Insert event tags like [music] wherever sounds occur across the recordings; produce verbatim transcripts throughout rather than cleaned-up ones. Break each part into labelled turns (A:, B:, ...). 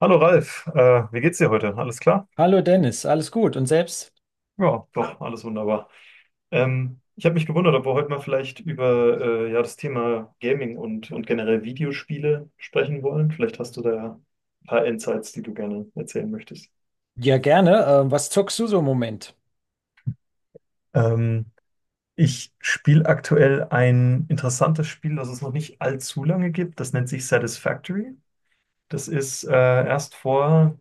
A: Hallo Ralf, äh, wie geht's dir heute? Alles klar?
B: Hallo Dennis, alles gut und selbst?
A: Ja, doch, alles wunderbar. Ähm, ich habe mich gewundert, ob wir heute mal vielleicht über äh, ja, das Thema Gaming und, und generell Videospiele sprechen wollen. Vielleicht hast du da ein paar Insights, die du gerne erzählen möchtest.
B: Ja, gerne. Äh, was zockst du so im Moment?
A: Ähm, Ich spiele aktuell ein interessantes Spiel, das es noch nicht allzu lange gibt. Das nennt sich Satisfactory. Das ist äh, erst vor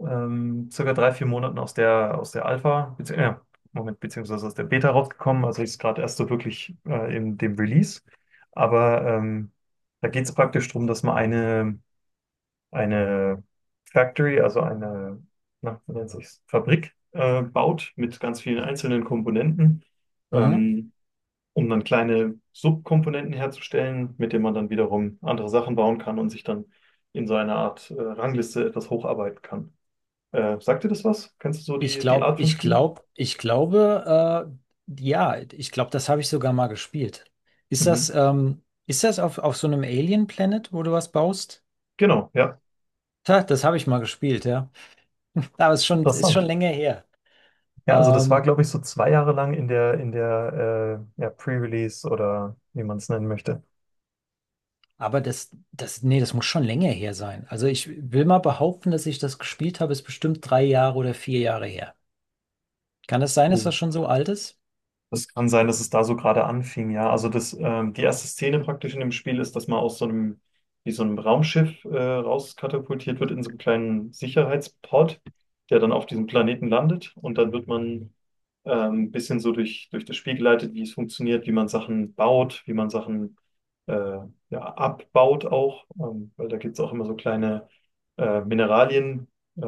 A: ähm, circa drei, vier Monaten aus der, aus der Alpha, bezieh äh, Moment, beziehungsweise aus der Beta rausgekommen. Also ist gerade erst so wirklich äh, in dem Release. Aber ähm, da geht es praktisch darum, dass man eine, eine Factory, also eine, na, wie nennt sich's, Fabrik äh, baut mit ganz vielen einzelnen Komponenten,
B: Mhm.
A: ähm, um dann kleine Subkomponenten herzustellen, mit denen man dann wiederum andere Sachen bauen kann und sich dann in so einer Art äh, Rangliste etwas hocharbeiten kann. Äh, sagt dir das was? Kennst du so
B: Ich
A: die, die
B: glaube,
A: Art von
B: ich
A: Spielen?
B: glaube, ich glaube, äh, ja, ich glaube, das habe ich sogar mal gespielt. Ist das,
A: Mhm.
B: ähm, ist das auf, auf so einem Alien Planet, wo du was baust?
A: Genau, ja.
B: Ha, das habe ich mal gespielt, ja. [laughs] Aber es ist schon, ist
A: Interessant.
B: schon länger her.
A: Ja, also das war,
B: Ähm,
A: glaube ich, so zwei Jahre lang in der, in der äh, ja, Pre-Release oder wie man es nennen möchte.
B: aber das, das, nee, das muss schon länger her sein. Also ich will mal behaupten, dass ich das gespielt habe, ist bestimmt drei Jahre oder vier Jahre her. Kann das sein, dass das schon so alt ist?
A: Das kann sein, dass es da so gerade anfing, ja. Also das, ähm, die erste Szene praktisch in dem Spiel ist, dass man aus so einem, wie so einem Raumschiff äh, rauskatapultiert wird in so einem kleinen Sicherheitspod, der dann auf diesem Planeten landet. Und dann wird man ähm, ein bisschen so durch, durch das Spiel geleitet, wie es funktioniert, wie man Sachen baut, wie man Sachen äh, ja, abbaut auch. Ähm, weil da gibt es auch immer so kleine äh, Mineralien, äh,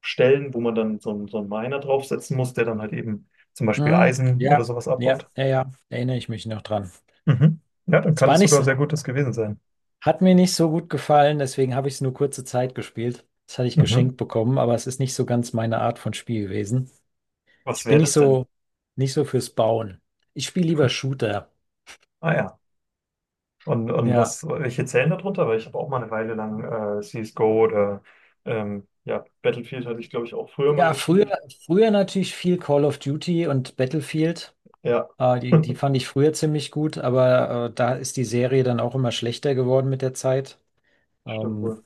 A: Stellen, wo man dann so, einen- so einen Miner draufsetzen muss, der dann halt eben zum Beispiel
B: Mhm.
A: Eisen oder
B: Ja,
A: sowas
B: ja,
A: abbaut.
B: ja, ja, erinnere ich mich noch dran.
A: Mhm. Ja, dann
B: Es
A: kann
B: war
A: das
B: nicht
A: sogar
B: so,
A: sehr Gutes gewesen sein.
B: hat mir nicht so gut gefallen, deswegen habe ich es nur kurze Zeit gespielt. Das hatte ich
A: Mhm.
B: geschenkt bekommen, aber es ist nicht so ganz meine Art von Spiel gewesen.
A: Was
B: Ich
A: wäre
B: bin nicht
A: das denn?
B: so, nicht so fürs Bauen. Ich spiele lieber Shooter.
A: Ah ja. Und, und
B: Ja,
A: was, welche zählen da drunter? Weil ich habe auch mal eine Weile lang äh, C S G O oder ähm, ja, Battlefield hatte ich, glaube ich, auch früher mal
B: ja, früher,
A: gespielt.
B: früher natürlich viel Call of Duty und Battlefield.
A: Ja,
B: Äh, die, die
A: [laughs]
B: fand ich früher ziemlich gut, aber äh, da ist die Serie dann auch immer schlechter geworden mit der Zeit.
A: stimmt
B: Ähm,
A: wohl.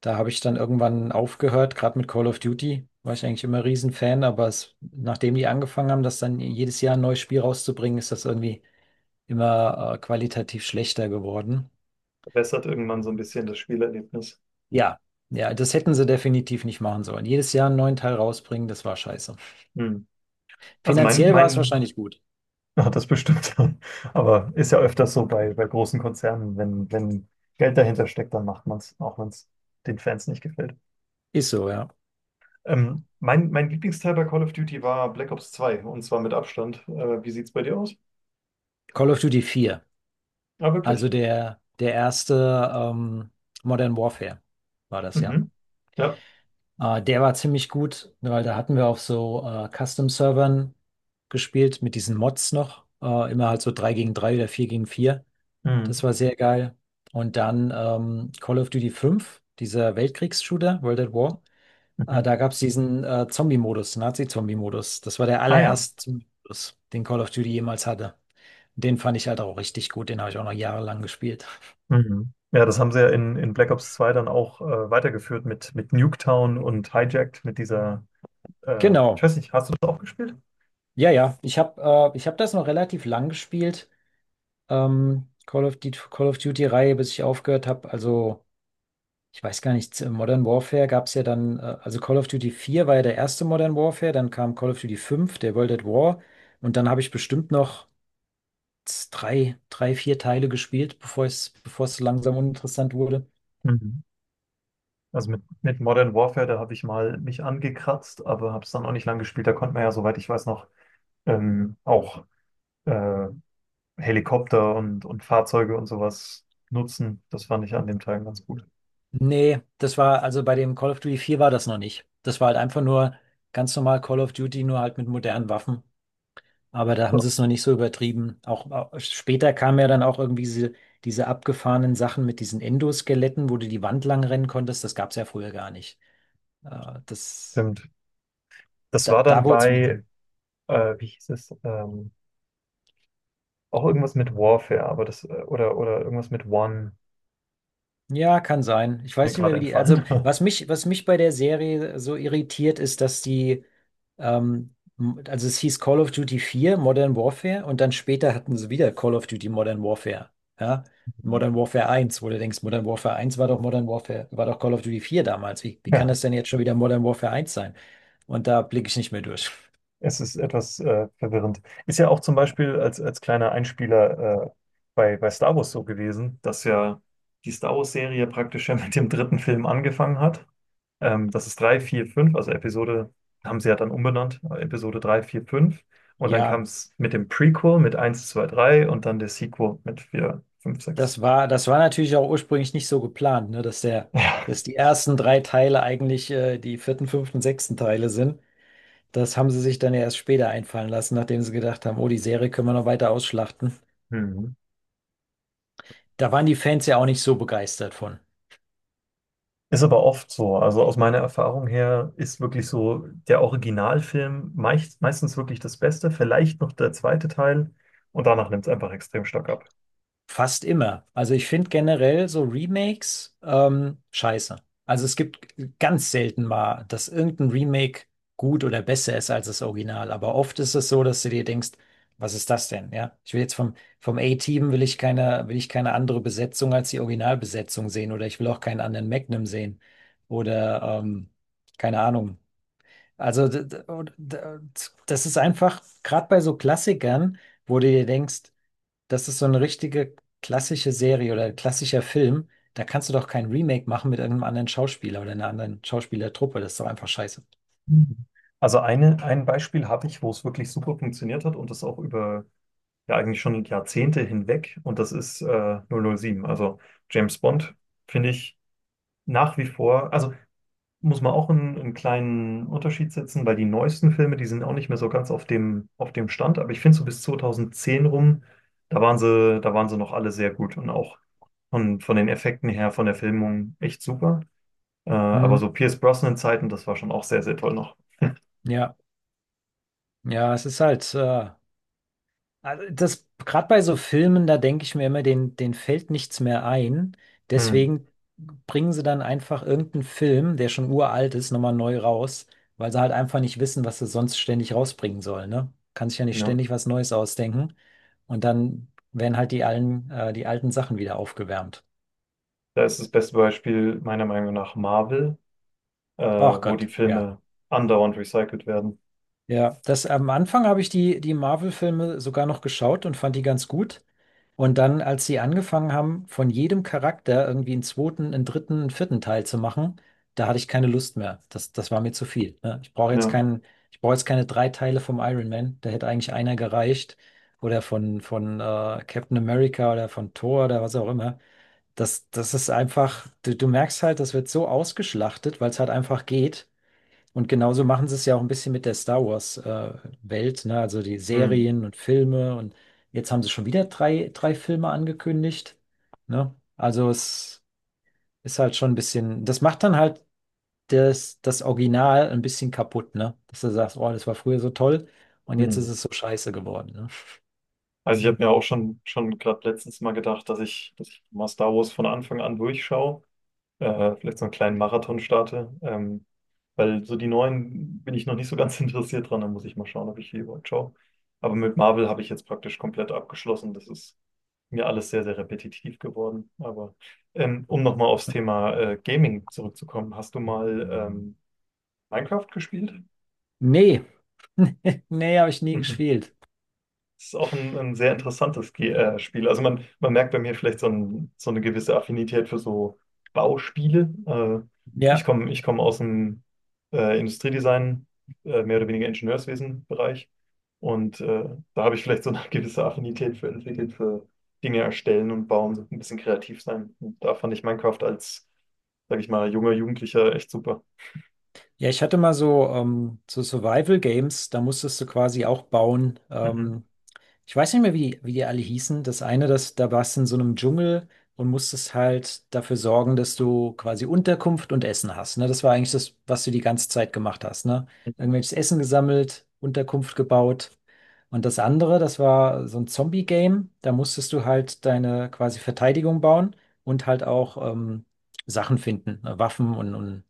B: Da habe ich dann irgendwann aufgehört, gerade mit Call of Duty war ich eigentlich immer Riesenfan, aber es, nachdem die angefangen haben, das dann jedes Jahr ein neues Spiel rauszubringen, ist das irgendwie immer äh, qualitativ schlechter geworden.
A: Verbessert irgendwann
B: Und
A: so ein bisschen das Spielerlebnis.
B: ja, ja, das hätten sie definitiv nicht machen sollen. Jedes Jahr einen neuen Teil rausbringen, das war scheiße.
A: Hm. Also mein,
B: Finanziell war es
A: mein
B: wahrscheinlich gut.
A: hat das bestimmt. [laughs] Aber ist ja öfters so bei, bei großen Konzernen, wenn, wenn Geld dahinter steckt, dann macht man es, auch wenn es den Fans nicht gefällt.
B: Ist so, ja.
A: Ähm, mein, mein Lieblingsteil bei Call of Duty war Black Ops zwei und zwar mit Abstand. Äh, wie sieht's bei dir aus?
B: Call of Duty vier,
A: Ah, wirklich.
B: also der, der erste ähm, Modern Warfare war das ja.
A: Mhm. Ja.
B: Äh, der war ziemlich gut, weil da hatten wir auf so äh, Custom-Servern gespielt mit diesen Mods noch. Äh, immer halt so drei gegen drei oder vier gegen vier. Das
A: Mhm.
B: war sehr geil. Und dann ähm, Call of Duty fünf, dieser Weltkriegs-Shooter, World at War. Äh,
A: Mhm.
B: da gab es diesen äh, Zombie-Modus, Nazi-Zombie-Modus. Das war der
A: Ah ja.
B: allererste Modus, den Call of Duty jemals hatte. Den fand ich halt auch richtig gut. Den habe ich auch noch jahrelang gespielt.
A: Mhm. Ja, das haben sie ja in, in Black Ops zwei dann auch äh, weitergeführt mit, mit Nuketown und Hijacked, mit dieser, äh, ich
B: Genau.
A: weiß nicht, hast du das auch gespielt?
B: Ja, ja. Ich habe äh, ich hab das noch relativ lang gespielt. ähm, Call of Duty, Call of Duty-Reihe, bis ich aufgehört habe. Also, ich weiß gar nicht, äh, Modern Warfare gab es ja dann, äh, also Call of Duty vier war ja der erste Modern Warfare, dann kam Call of Duty fünf, der World at War, und dann habe ich bestimmt noch z- drei, drei, vier Teile gespielt, bevor es, bevor es so langsam uninteressant wurde.
A: Mhm. Also mit, mit Modern Warfare, da habe ich mal mich angekratzt, aber habe es dann auch nicht lang gespielt. Da konnte man ja, soweit ich weiß, noch ähm, auch äh, Helikopter und, und Fahrzeuge und sowas nutzen. Das fand ich an dem Teil ganz gut.
B: Nee, das war, also bei dem Call of Duty vier war das noch nicht. Das war halt einfach nur ganz normal Call of Duty, nur halt mit modernen Waffen. Aber da haben sie
A: So,
B: es noch nicht so übertrieben. Auch, auch später kamen ja dann auch irgendwie diese, diese abgefahrenen Sachen mit diesen Endoskeletten, wo du die Wand lang rennen konntest. Das gab es ja früher gar nicht. Äh, das,
A: stimmt. Das
B: da,
A: war
B: da
A: dann
B: wurde es mit.
A: bei, äh, wie hieß es, ähm, auch irgendwas mit Warfare, aber das, äh, oder, oder irgendwas mit One,
B: Ja, kann sein. Ich
A: ist mir
B: weiß nicht mehr,
A: gerade
B: wie die.
A: entfallen.
B: Also,
A: [laughs]
B: was mich, was mich bei der Serie so irritiert, ist, dass die, ähm, m- also es hieß Call of Duty vier, Modern Warfare, und dann später hatten sie wieder Call of Duty Modern Warfare. Ja? Modern Warfare eins, wo du denkst, Modern Warfare eins war doch Modern Warfare, war doch Call of Duty vier damals. Wie, wie kann
A: Ja,
B: das denn jetzt schon wieder Modern Warfare eins sein? Und da blicke ich nicht mehr durch. [laughs]
A: es ist etwas äh, verwirrend. Ist ja auch zum Beispiel als, als kleiner Einspieler äh, bei, bei Star Wars so gewesen, dass ja die Star Wars-Serie praktisch ja [laughs] mit dem dritten Film angefangen hat. Ähm, das ist drei, vier, fünf. Also Episode, haben sie ja dann umbenannt, äh, Episode drei, vier, fünf. Und dann kam
B: Ja.
A: es mit dem Prequel mit eins, zwei, drei und dann der Sequel mit vier, fünf, sechs.
B: Das war, das war natürlich auch ursprünglich nicht so geplant, ne, dass der,
A: Ja.
B: dass die ersten drei Teile eigentlich äh, die vierten, fünften, sechsten Teile sind. Das haben sie sich dann ja erst später einfallen lassen, nachdem sie gedacht haben, oh, die Serie können wir noch weiter ausschlachten.
A: Mhm.
B: Da waren die Fans ja auch nicht so begeistert von.
A: Ist aber oft so. Also aus meiner Erfahrung her ist wirklich so der Originalfilm meist, meistens wirklich das Beste, vielleicht noch der zweite Teil und danach nimmt es einfach extrem stark ab.
B: Fast immer. Also ich finde generell so Remakes ähm, scheiße. Also es gibt ganz selten mal, dass irgendein Remake gut oder besser ist als das Original. Aber oft ist es so, dass du dir denkst, was ist das denn? Ja, ich will jetzt vom, vom A-Team will ich keine, will ich keine andere Besetzung als die Originalbesetzung sehen oder ich will auch keinen anderen Magnum sehen oder ähm, keine Ahnung. Also d- d- und- d- das ist einfach, gerade bei so Klassikern, wo du dir denkst, das ist so eine richtige klassische Serie oder ein klassischer Film. Da kannst du doch kein Remake machen mit einem anderen Schauspieler oder einer anderen Schauspielertruppe. Das ist doch einfach scheiße.
A: Mhm. Also eine, ein Beispiel habe ich, wo es wirklich super funktioniert hat und das auch über ja eigentlich schon Jahrzehnte hinweg, und das ist äh, null null sieben. Also James Bond finde ich nach wie vor, also muss man auch einen, einen kleinen Unterschied setzen, weil die neuesten Filme, die sind auch nicht mehr so ganz auf dem, auf dem Stand, aber ich finde so bis zwanzig zehn rum, da waren sie, da waren sie noch alle sehr gut und auch von, von den Effekten her, von der Filmung echt super. Äh, aber
B: Hm,
A: so Pierce Brosnan-Zeiten, das war schon auch sehr, sehr toll noch.
B: ja, ja, es ist halt. Äh, Also das, gerade bei so Filmen, da denke ich mir immer, den, den fällt nichts mehr ein.
A: Hm,
B: Deswegen bringen sie dann einfach irgendeinen Film, der schon uralt ist, nochmal neu raus, weil sie halt einfach nicht wissen, was sie sonst ständig rausbringen sollen, ne? Kann sich ja nicht
A: ja.
B: ständig was Neues ausdenken. Und dann werden halt die alten, äh, die alten Sachen wieder aufgewärmt.
A: Da ist das beste Beispiel meiner Meinung nach Marvel, äh,
B: Ach
A: wo die
B: Gott, ja.
A: Filme andauernd recycelt werden.
B: Ja, das am Anfang habe ich die, die Marvel-Filme sogar noch geschaut und fand die ganz gut. Und dann, als sie angefangen haben, von jedem Charakter irgendwie einen zweiten, einen dritten, einen vierten Teil zu machen, da hatte ich keine Lust mehr. Das, das war mir zu viel. Ne? Ich brauche jetzt
A: Ja.
B: keinen, ich brauche jetzt keine drei Teile vom Iron Man. Da hätte eigentlich einer gereicht. Oder von, von äh, Captain America oder von Thor oder was auch immer. Das, das ist einfach, du, du merkst halt, das wird so ausgeschlachtet, weil es halt einfach geht. Und genauso machen sie es ja auch ein bisschen mit der Star Wars äh, Welt, ne? Also die
A: Hm.
B: Serien und Filme. Und jetzt haben sie schon wieder drei, drei Filme angekündigt, ne? Also es ist halt schon ein bisschen, das macht dann halt das, das Original ein bisschen kaputt, ne? Dass du sagst, oh, das war früher so toll und jetzt
A: Hm.
B: ist es so scheiße geworden, ne?
A: Also ich habe mir auch schon, schon gerade letztens mal gedacht, dass ich, dass ich mal Star Wars von Anfang an durchschaue, äh, vielleicht so einen kleinen Marathon starte, ähm, weil so die neuen bin ich noch nicht so ganz [laughs] interessiert dran, da muss ich mal schauen, ob ich die überhaupt schaue. Aber mit Marvel habe ich jetzt praktisch komplett abgeschlossen, das ist mir alles sehr, sehr repetitiv geworden. Aber ähm, um nochmal aufs Thema äh, Gaming zurückzukommen, hast du mal ähm, Minecraft gespielt?
B: Nee, [laughs] nee, habe ich nie
A: [laughs]
B: gespielt.
A: Das ist auch ein, ein sehr interessantes Ge äh, Spiel. Also man, man merkt bei mir vielleicht so, ein, so eine gewisse Affinität für so Bauspiele. Äh, ich
B: Ja,
A: komme ich komm aus dem äh, Industriedesign, äh, mehr oder weniger Ingenieurswesen-Bereich. Und äh, da habe ich vielleicht so eine [laughs] gewisse Affinität für entwickelt, für Dinge erstellen und bauen, so ein bisschen kreativ sein. Und da fand ich Minecraft als, sage ich mal, junger Jugendlicher echt super.
B: ja, ich hatte mal so, ähm, so Survival Games, da musstest du quasi auch bauen.
A: Mhm.
B: Ähm,
A: [laughs]
B: Ich weiß nicht mehr, wie die, wie die alle hießen. Das eine, das, da warst du in so einem Dschungel und musstest halt dafür sorgen, dass du quasi Unterkunft und Essen hast. Ne? Das war eigentlich das, was du die ganze Zeit gemacht hast. Ne?
A: Mhm.
B: Irgendwelches Essen gesammelt, Unterkunft gebaut. Und das andere, das war so ein Zombie-Game. Da musstest du halt deine quasi Verteidigung bauen und halt auch ähm, Sachen finden, ne? Waffen und, und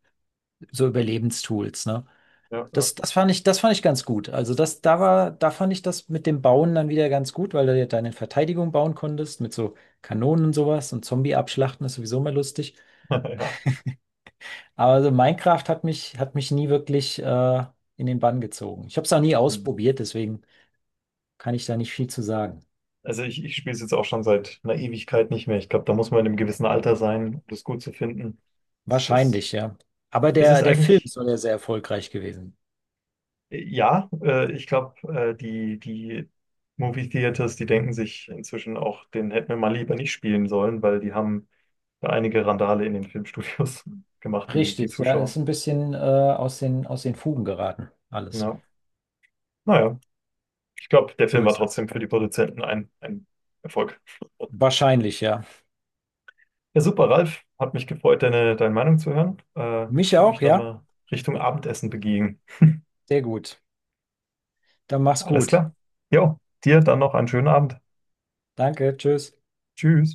B: so Überlebenstools. Ne?
A: Ja, ja.
B: Das, das fand ich, das fand ich ganz gut. Also das, da war, da fand ich das mit dem Bauen dann wieder ganz gut, weil du ja deine Verteidigung bauen konntest mit so Kanonen und sowas und Zombie abschlachten ist sowieso mal lustig.
A: [laughs] Ja.
B: Aber so Minecraft hat mich, hat mich nie wirklich äh, in den Bann gezogen. Ich habe es auch nie ausprobiert, deswegen kann ich da nicht viel zu sagen.
A: Also ich, ich spiele es jetzt auch schon seit einer Ewigkeit nicht mehr. Ich glaube, da muss man in einem gewissen Alter sein, um das gut zu finden. Es ist,
B: Wahrscheinlich, ja. Aber
A: es
B: der,
A: ist
B: der Film
A: eigentlich,
B: soll ja sehr erfolgreich gewesen.
A: ja, äh, ich glaube, äh, die, die Movie Theaters, die denken sich inzwischen auch, den hätten wir mal lieber nicht spielen sollen, weil die haben da einige Randale in den Filmstudios [laughs] gemacht, die, die
B: Richtig, ja, ist
A: Zuschauer.
B: ein bisschen äh, aus den, aus den Fugen geraten, alles.
A: Ja. Naja, ich glaube, der
B: So
A: Film war
B: ist das.
A: trotzdem für die Produzenten ein, ein Erfolg.
B: Wahrscheinlich, ja.
A: Ja, super, Ralf. Hat mich gefreut, deine, deine Meinung zu hören. Äh,
B: Mich
A: ich würde mich
B: auch,
A: dann
B: ja.
A: mal Richtung Abendessen begeben.
B: Sehr gut. Dann mach's
A: Alles
B: gut.
A: klar. Jo, dir dann noch einen schönen Abend.
B: Danke, tschüss.
A: Tschüss.